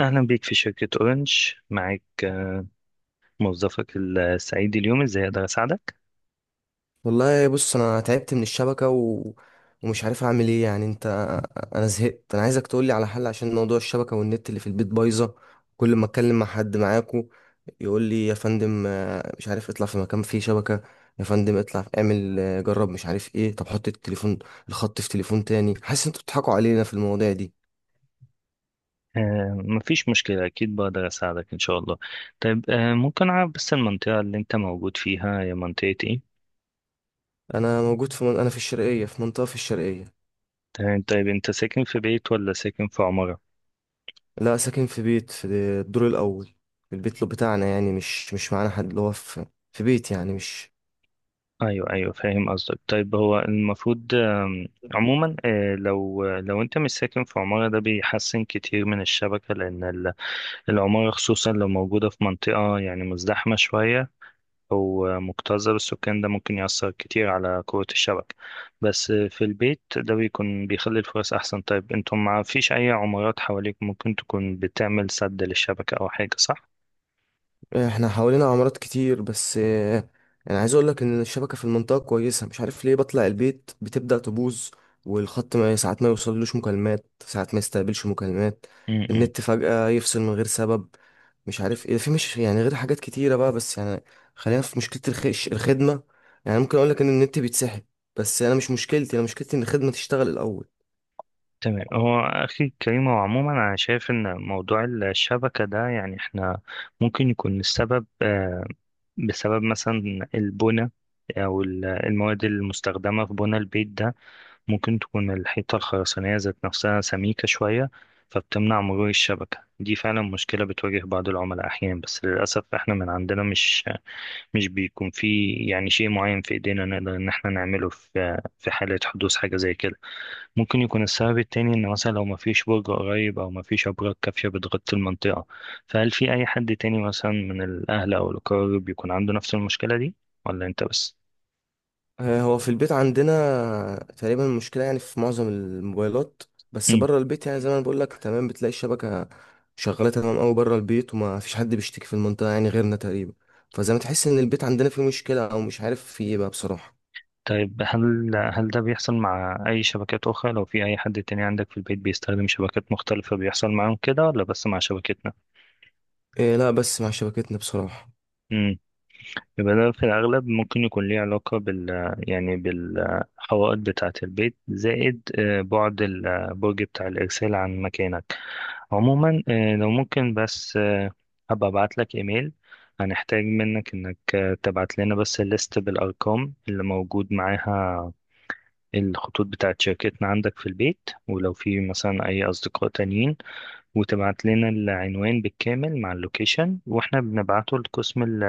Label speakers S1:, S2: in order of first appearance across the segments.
S1: أهلا بيك في شركة أورنج، معاك موظفك السعيد اليوم. إزاي أقدر أساعدك؟
S2: والله بص، انا تعبت من الشبكه ومش عارف اعمل ايه. يعني انا زهقت، انا عايزك تقولي على حل عشان موضوع الشبكه والنت اللي في البيت بايظه. كل ما اتكلم مع حد معاكو يقول لي يا فندم، مش عارف اطلع في مكان فيه شبكه، يا فندم اطلع اعمل، جرب، مش عارف ايه، طب حط الخط في تليفون تاني. حاسس انتوا بتضحكوا علينا في المواضيع دي.
S1: مفيش مشكلة، أكيد بقدر أساعدك إن شاء الله. طيب، ممكن أعرف بس المنطقة اللي أنت موجود فيها هي منطقة إيه؟
S2: انا موجود في انا في الشرقيه، في منطقه في الشرقيه.
S1: طيب، أنت ساكن في بيت ولا ساكن في عمارة؟
S2: لا، ساكن في بيت، في الدور الاول. في البيت لو بتاعنا، يعني مش معانا حد، اللي هو في بيت يعني مش.
S1: أيوه أيوه، فاهم قصدك. طيب هو المفروض عموما، لو أنت مش ساكن في عمارة ده بيحسن كتير من الشبكة، لأن العمارة خصوصا لو موجودة في منطقة يعني مزدحمة شوية، هو مكتظة بالسكان، ده ممكن يأثر كتير على قوة الشبكة. بس في البيت ده بيكون بيخلي الفرص أحسن. طيب انتم ما فيش أي عمارات حواليك ممكن تكون بتعمل سد للشبكة أو حاجة، صح؟
S2: احنا حوالينا عمارات كتير، بس انا عايز اقول لك ان الشبكه في المنطقه كويسه، مش عارف ليه بطلع البيت بتبدا تبوظ. والخط ما ساعات ما يوصلوش مكالمات، ساعات ما يستقبلش مكالمات.
S1: م-م.
S2: النت فجاه يفصل من غير سبب، مش عارف ايه، في مش يعني، غير حاجات كتيره بقى، بس يعني خلينا في مشكله الخش الخدمه. يعني ممكن اقول لك ان النت بيتسحب، بس انا مش مشكلتي، انا مشكلتي ان الخدمه تشتغل الاول.
S1: تمام، هو أخي كريم، هو عموما أنا شايف إن موضوع الشبكة ده يعني إحنا ممكن يكون السبب بسبب مثلا البنى، أو المواد المستخدمة في بنى البيت ده. ممكن تكون الحيطة الخرسانية ذات نفسها سميكة شوية، فبتمنع مرور الشبكة. دي فعلا مشكلة بتواجه بعض العملاء أحيانا، بس للأسف احنا من عندنا مش بيكون في يعني شيء معين في إيدينا نقدر إن احنا نعمله في حالة حدوث حاجة زي كده. ممكن يكون السبب التاني إن مثلا لو مفيش برج قريب أو مفيش أبراج كافية بتغطي المنطقة. فهل في أي حد تاني مثلا من الأهل أو الأقارب بيكون عنده نفس المشكلة دي ولا أنت بس؟
S2: آه، هو في البيت عندنا تقريبا المشكلة يعني في معظم الموبايلات، بس بره البيت يعني زي ما انا بقول لك، تمام، بتلاقي الشبكة شغالة تمام قوي بره البيت، وما فيش حد بيشتكي في المنطقة يعني غيرنا تقريبا. فزي ما تحس ان البيت عندنا فيه مشكلة او مش عارف فيه ايه بقى بصراحة.
S1: طيب، هل ده بيحصل مع أي شبكات أخرى؟ لو في أي حد تاني عندك في البيت بيستخدم شبكات مختلفة بيحصل معاهم كده ولا بس مع شبكتنا؟
S2: إيه، لا، بس مع شبكتنا بصراحة.
S1: امم يبقى ده في الأغلب ممكن يكون ليه علاقة بال، يعني بالحوائط بتاعة البيت، زائد بعد البرج بتاع الإرسال عن مكانك. عموما، لو ممكن بس. هبقى أبعت لك إيميل. هنحتاج منك إنك تبعت لنا بس الليست بالأرقام اللي موجود معاها الخطوط بتاعت شركتنا عندك في البيت، ولو في مثلا أي أصدقاء تانيين، وتبعت لنا العنوان بالكامل مع اللوكيشن، وإحنا بنبعته لقسم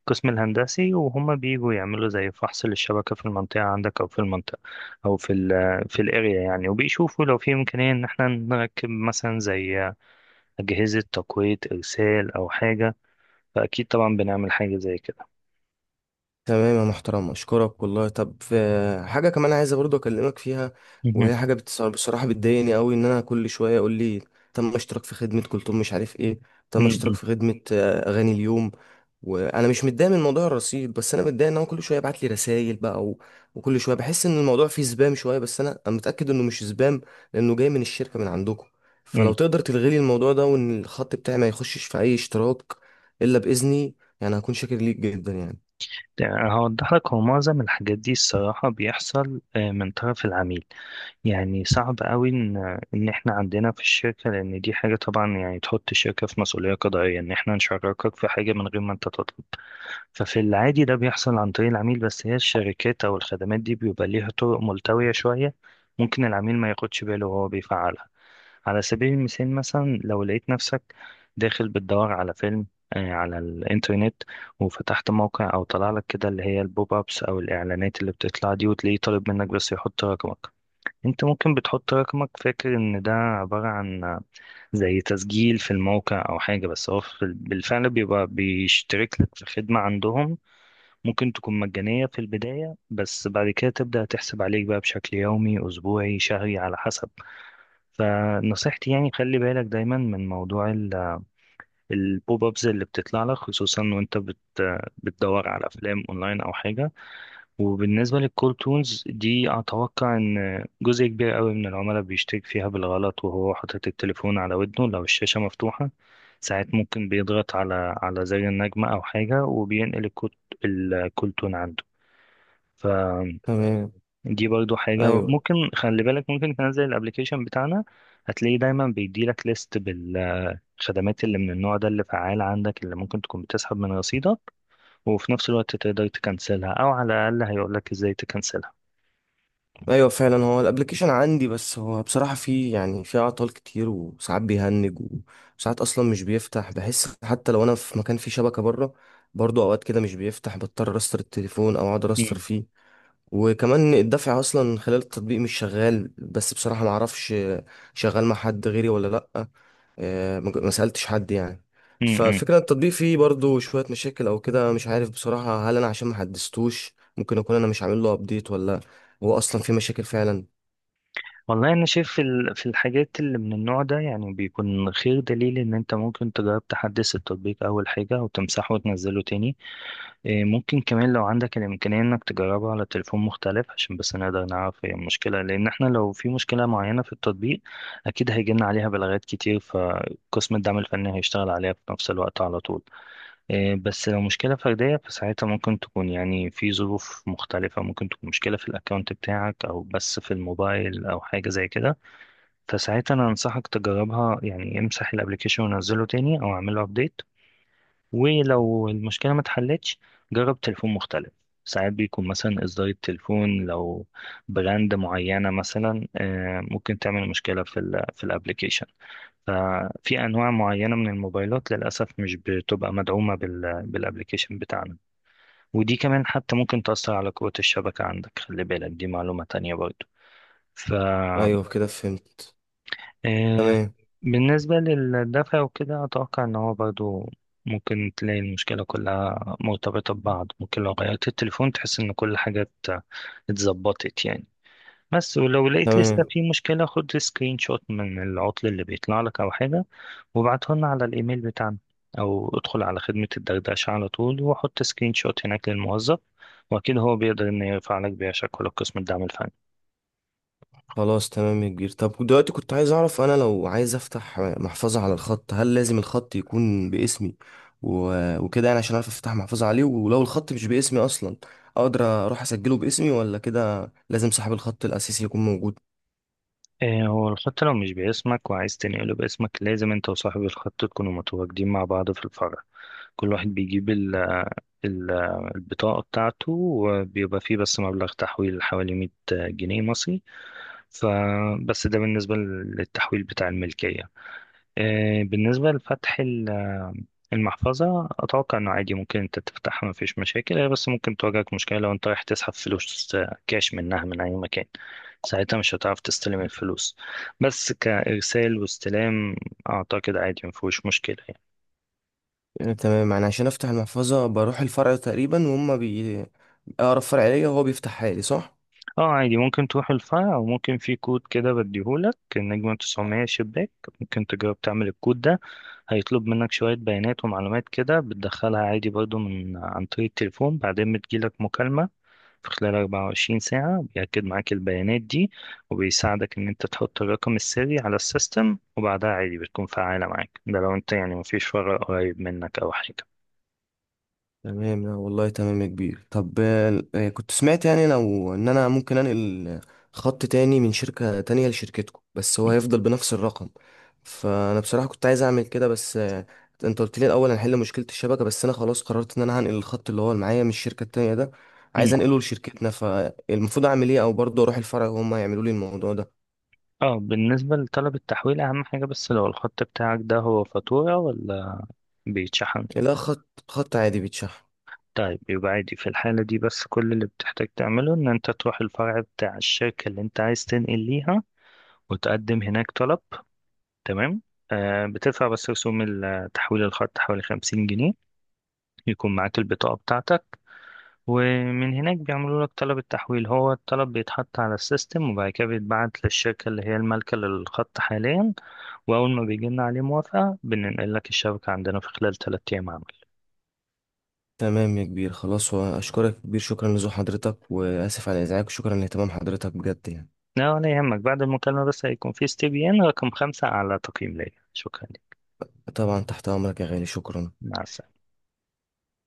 S1: القسم الهندسي، وهم بيجوا يعملوا زي فحص للشبكة في المنطقة عندك، أو في المنطقة أو في الأريا يعني، وبيشوفوا لو في إمكانية إن إحنا نركب مثلا زي أجهزة تقوية إرسال أو حاجة. فأكيد طبعا بنعمل حاجة زي كده.
S2: تمام يا محترم، اشكرك والله. طب في حاجه كمان عايزه برضو اكلمك فيها،
S1: مهم.
S2: وهي حاجه بصراحه بتضايقني قوي، ان انا كل شويه اقول لي تم اشتراك في خدمه كلثوم، مش عارف ايه، تم اشتراك في خدمه، اغاني اليوم. وانا مش متضايق من موضوع الرصيد، بس انا متضايق ان هو كل شويه يبعت لي رسائل بقى، وكل شويه بحس ان الموضوع فيه سبام شويه. بس انا متاكد انه مش سبام، لانه جاي من الشركه من عندكم. فلو
S1: مم.
S2: تقدر تلغي لي الموضوع ده، وان الخط بتاعي ما يخشش في اي اشتراك الا باذني، يعني هكون شاكر ليك جدا يعني.
S1: يعني هوضح لك، هو معظم الحاجات دي الصراحة بيحصل من طرف العميل. يعني صعب قوي إن إحنا عندنا في الشركة، لأن دي حاجة طبعا يعني تحط الشركة في مسؤولية قضائية إن إحنا نشاركك في حاجة من غير ما أنت تطلب. ففي العادي ده بيحصل عن طريق العميل، بس هي الشركات أو الخدمات دي بيبقى ليها طرق ملتوية شوية، ممكن العميل ما ياخدش باله وهو بيفعلها. على سبيل المثال، مثلا لو لقيت نفسك داخل بتدور على فيلم على الإنترنت، وفتحت موقع أو طلع لك كده اللي هي البوب أبس أو الإعلانات اللي بتطلع دي، وتلاقيه طالب منك بس يحط رقمك. أنت ممكن بتحط رقمك فاكر إن ده عبارة عن زي تسجيل في الموقع أو حاجة، بس هو بالفعل بيبقى بيشترك لك في خدمة عندهم. ممكن تكون مجانية في البداية بس بعد كده تبدأ تحسب عليك بقى بشكل يومي أسبوعي شهري على حسب. فنصيحتي يعني خلي بالك دايما من موضوع البوب ابز اللي بتطلع لك، خصوصا وانت بتدور على افلام اونلاين او حاجه. وبالنسبه للكول تونز دي، اتوقع ان جزء كبير قوي من العملاء بيشترك فيها بالغلط وهو حاطط التليفون على ودنه، لو الشاشه مفتوحه ساعات ممكن بيضغط على زر النجمه او حاجه وبينقل الكود الكول تون عنده. فدي
S2: تمام.
S1: برضو حاجة
S2: ايوه.
S1: ممكن خلي بالك، ممكن تنزل الابليكيشن بتاعنا. هتلاقيه دايما بيديلك ليست الخدمات اللي من النوع ده اللي فعال عندك، اللي ممكن تكون بتسحب من رصيدك، وفي نفس الوقت تقدر تكنسلها او على الاقل هيقولك ازاي تكنسلها.
S2: ايوه، فعلا هو الابلكيشن عندي، بس هو بصراحه فيه يعني فيه اعطال كتير، وساعات بيهنج، وساعات اصلا مش بيفتح. بحس حتى لو انا في مكان فيه شبكه بره، برضو اوقات كده مش بيفتح، بضطر استر التليفون او اقعد استر
S1: مم.
S2: فيه. وكمان الدفع اصلا خلال التطبيق مش شغال، بس بصراحة ما اعرفش شغال مع حد غيري ولا لا. ما سألتش حد يعني.
S1: مم.
S2: فالفكرة التطبيق فيه برضو شوية مشاكل او كده، مش عارف بصراحة، هل انا عشان ما حدثتوش، ممكن اكون انا مش عامل له ابديت، ولا هو اصلا فيه مشاكل فعلا.
S1: والله انا شايف في في الحاجات اللي من النوع ده، يعني بيكون خير دليل ان انت ممكن تجرب تحدث التطبيق اول حاجه وتمسحه وتنزله تاني. إيه، ممكن كمان لو عندك الامكانيه انك تجربه على تليفون مختلف، عشان بس نقدر نعرف هي المشكله. لان احنا لو في مشكله معينه في التطبيق اكيد هيجيلنا عليها بلاغات كتير، فقسم الدعم الفني هيشتغل عليها في نفس الوقت على طول. إيه، بس لو مشكلة فردية فساعتها ممكن تكون يعني في ظروف مختلفة، ممكن تكون مشكلة في الأكاونت بتاعك أو بس في الموبايل أو حاجة زي كده. فساعتها أنا أنصحك تجربها، يعني امسح الابليكيشن ونزله تاني أو اعمله أبديت. ولو المشكلة ما اتحلتش جرب تليفون مختلف. ساعات بيكون مثلا إصدار التليفون، لو براند معينة مثلا ممكن تعمل مشكلة في ال في الابليكيشن. ففي أنواع معينة من الموبايلات للأسف مش بتبقى مدعومة بالابليكيشن بتاعنا. ودي كمان حتى ممكن تأثر على قوة الشبكة عندك، خلي بالك، دي معلومة تانية برضو.
S2: ايوه، كده فهمت.
S1: آه،
S2: تمام.
S1: بالنسبة للدفع وكده، أتوقع إن هو برضو ممكن تلاقي المشكلة كلها مرتبطة ببعض. ممكن لو غيرت التليفون تحس إن كل حاجة اتظبطت يعني. بس ولو لقيت لسه
S2: تمام.
S1: في مشكلة، خد سكرين شوت من العطل اللي بيطلع لك أو حاجة وابعته لنا على الإيميل بتاعنا، أو ادخل على خدمة الدردشة على طول وحط سكرين شوت هناك للموظف، وأكيد هو بيقدر إنه يرفع لك بيها شكوى لقسم الدعم الفني.
S2: خلاص تمام يا كبير. طب دلوقتي كنت عايز اعرف، انا لو عايز افتح محفظة على الخط، هل لازم الخط يكون باسمي وكده؟ يعني عشان اعرف افتح محفظة عليه، ولو الخط مش باسمي اصلا اقدر اروح اسجله باسمي، ولا كده لازم صاحب الخط الاساسي يكون موجود؟
S1: إيه، هو الخط لو مش باسمك وعايز تنقله باسمك لازم انت وصاحب الخط تكونوا متواجدين مع بعض في الفرع. كل واحد بيجيب ال ال البطاقة بتاعته، وبيبقى فيه بس مبلغ تحويل حوالي 100 جنيه مصري. فبس ده بالنسبة للتحويل بتاع الملكية. إيه بالنسبة لفتح المحفظة، أتوقع إنه عادي ممكن أنت تفتحها مفيش مشاكل. هي بس ممكن تواجهك مشكلة لو أنت رايح تسحب فلوس كاش منها من أي مكان، ساعتها مش هتعرف تستلم الفلوس. بس كإرسال واستلام أعتقد عادي مفيهوش مشكلة يعني.
S2: يعني تمام، يعني عشان افتح المحفظة بروح الفرع تقريبا، وهم اقرب فرع ليا، وهو بيفتحها لي، صح؟
S1: اه عادي، ممكن تروح الفرع، وممكن في كود كده بديهولك النجمة 900 شباك، ممكن تجرب تعمل الكود ده. هيطلب منك شوية بيانات ومعلومات كده بتدخلها عادي برضو من عن طريق التليفون، بعدين بتجيلك مكالمة في خلال 24 ساعة بيأكد معاك البيانات دي، وبيساعدك إن أنت تحط الرقم السري على السيستم، وبعدها عادي بتكون فعالة معاك. ده لو أنت يعني مفيش فرع قريب منك أو حاجة.
S2: تمام، لا والله تمام يا كبير. طب كنت سمعت يعني لو ان انا ممكن انقل خط تاني من شركة تانية لشركتكم، بس هو هيفضل بنفس الرقم. فانا بصراحة كنت عايز اعمل كده، بس انت قلت لي الاول هنحل مشكلة الشبكة. بس انا خلاص قررت ان انا هنقل الخط اللي هو اللي معايا من الشركة التانية ده،
S1: مم.
S2: عايز انقله لشركتنا. فالمفروض اعمل ايه، او برضه اروح الفرع وهم يعملوا لي الموضوع ده؟
S1: اه، بالنسبة لطلب التحويل أهم حاجة بس لو الخط بتاعك ده هو فاتورة ولا بيتشحن.
S2: لا، خط عادي بيتشحن.
S1: طيب يبقى عادي في الحالة دي، بس كل اللي بتحتاج تعمله إن أنت تروح الفرع بتاع الشركة اللي أنت عايز تنقل ليها وتقدم هناك طلب. تمام. بتدفع بس رسوم تحويل الخط حوالي 50 جنيه، يكون معاك البطاقة بتاعتك، ومن هناك بيعملوا لك طلب التحويل. هو الطلب بيتحط على السيستم وبعد كده بيتبعت للشركة اللي هي المالكة للخط حاليا، وأول ما بيجي لنا عليه موافقة بننقل لك الشبكة عندنا في خلال 3 أيام عمل.
S2: تمام يا كبير، خلاص، واشكرك يا كبير، شكرا لزو حضرتك، واسف على ازعاجك، وشكرا لاهتمام حضرتك بجد يعني.
S1: لا ولا يهمك، بعد المكالمة بس هيكون في استبيان رقم 5 أعلى تقييم ليا. شكرا لك.
S2: طبعا تحت أمرك يا غالي، شكرا.
S1: مع السلامة.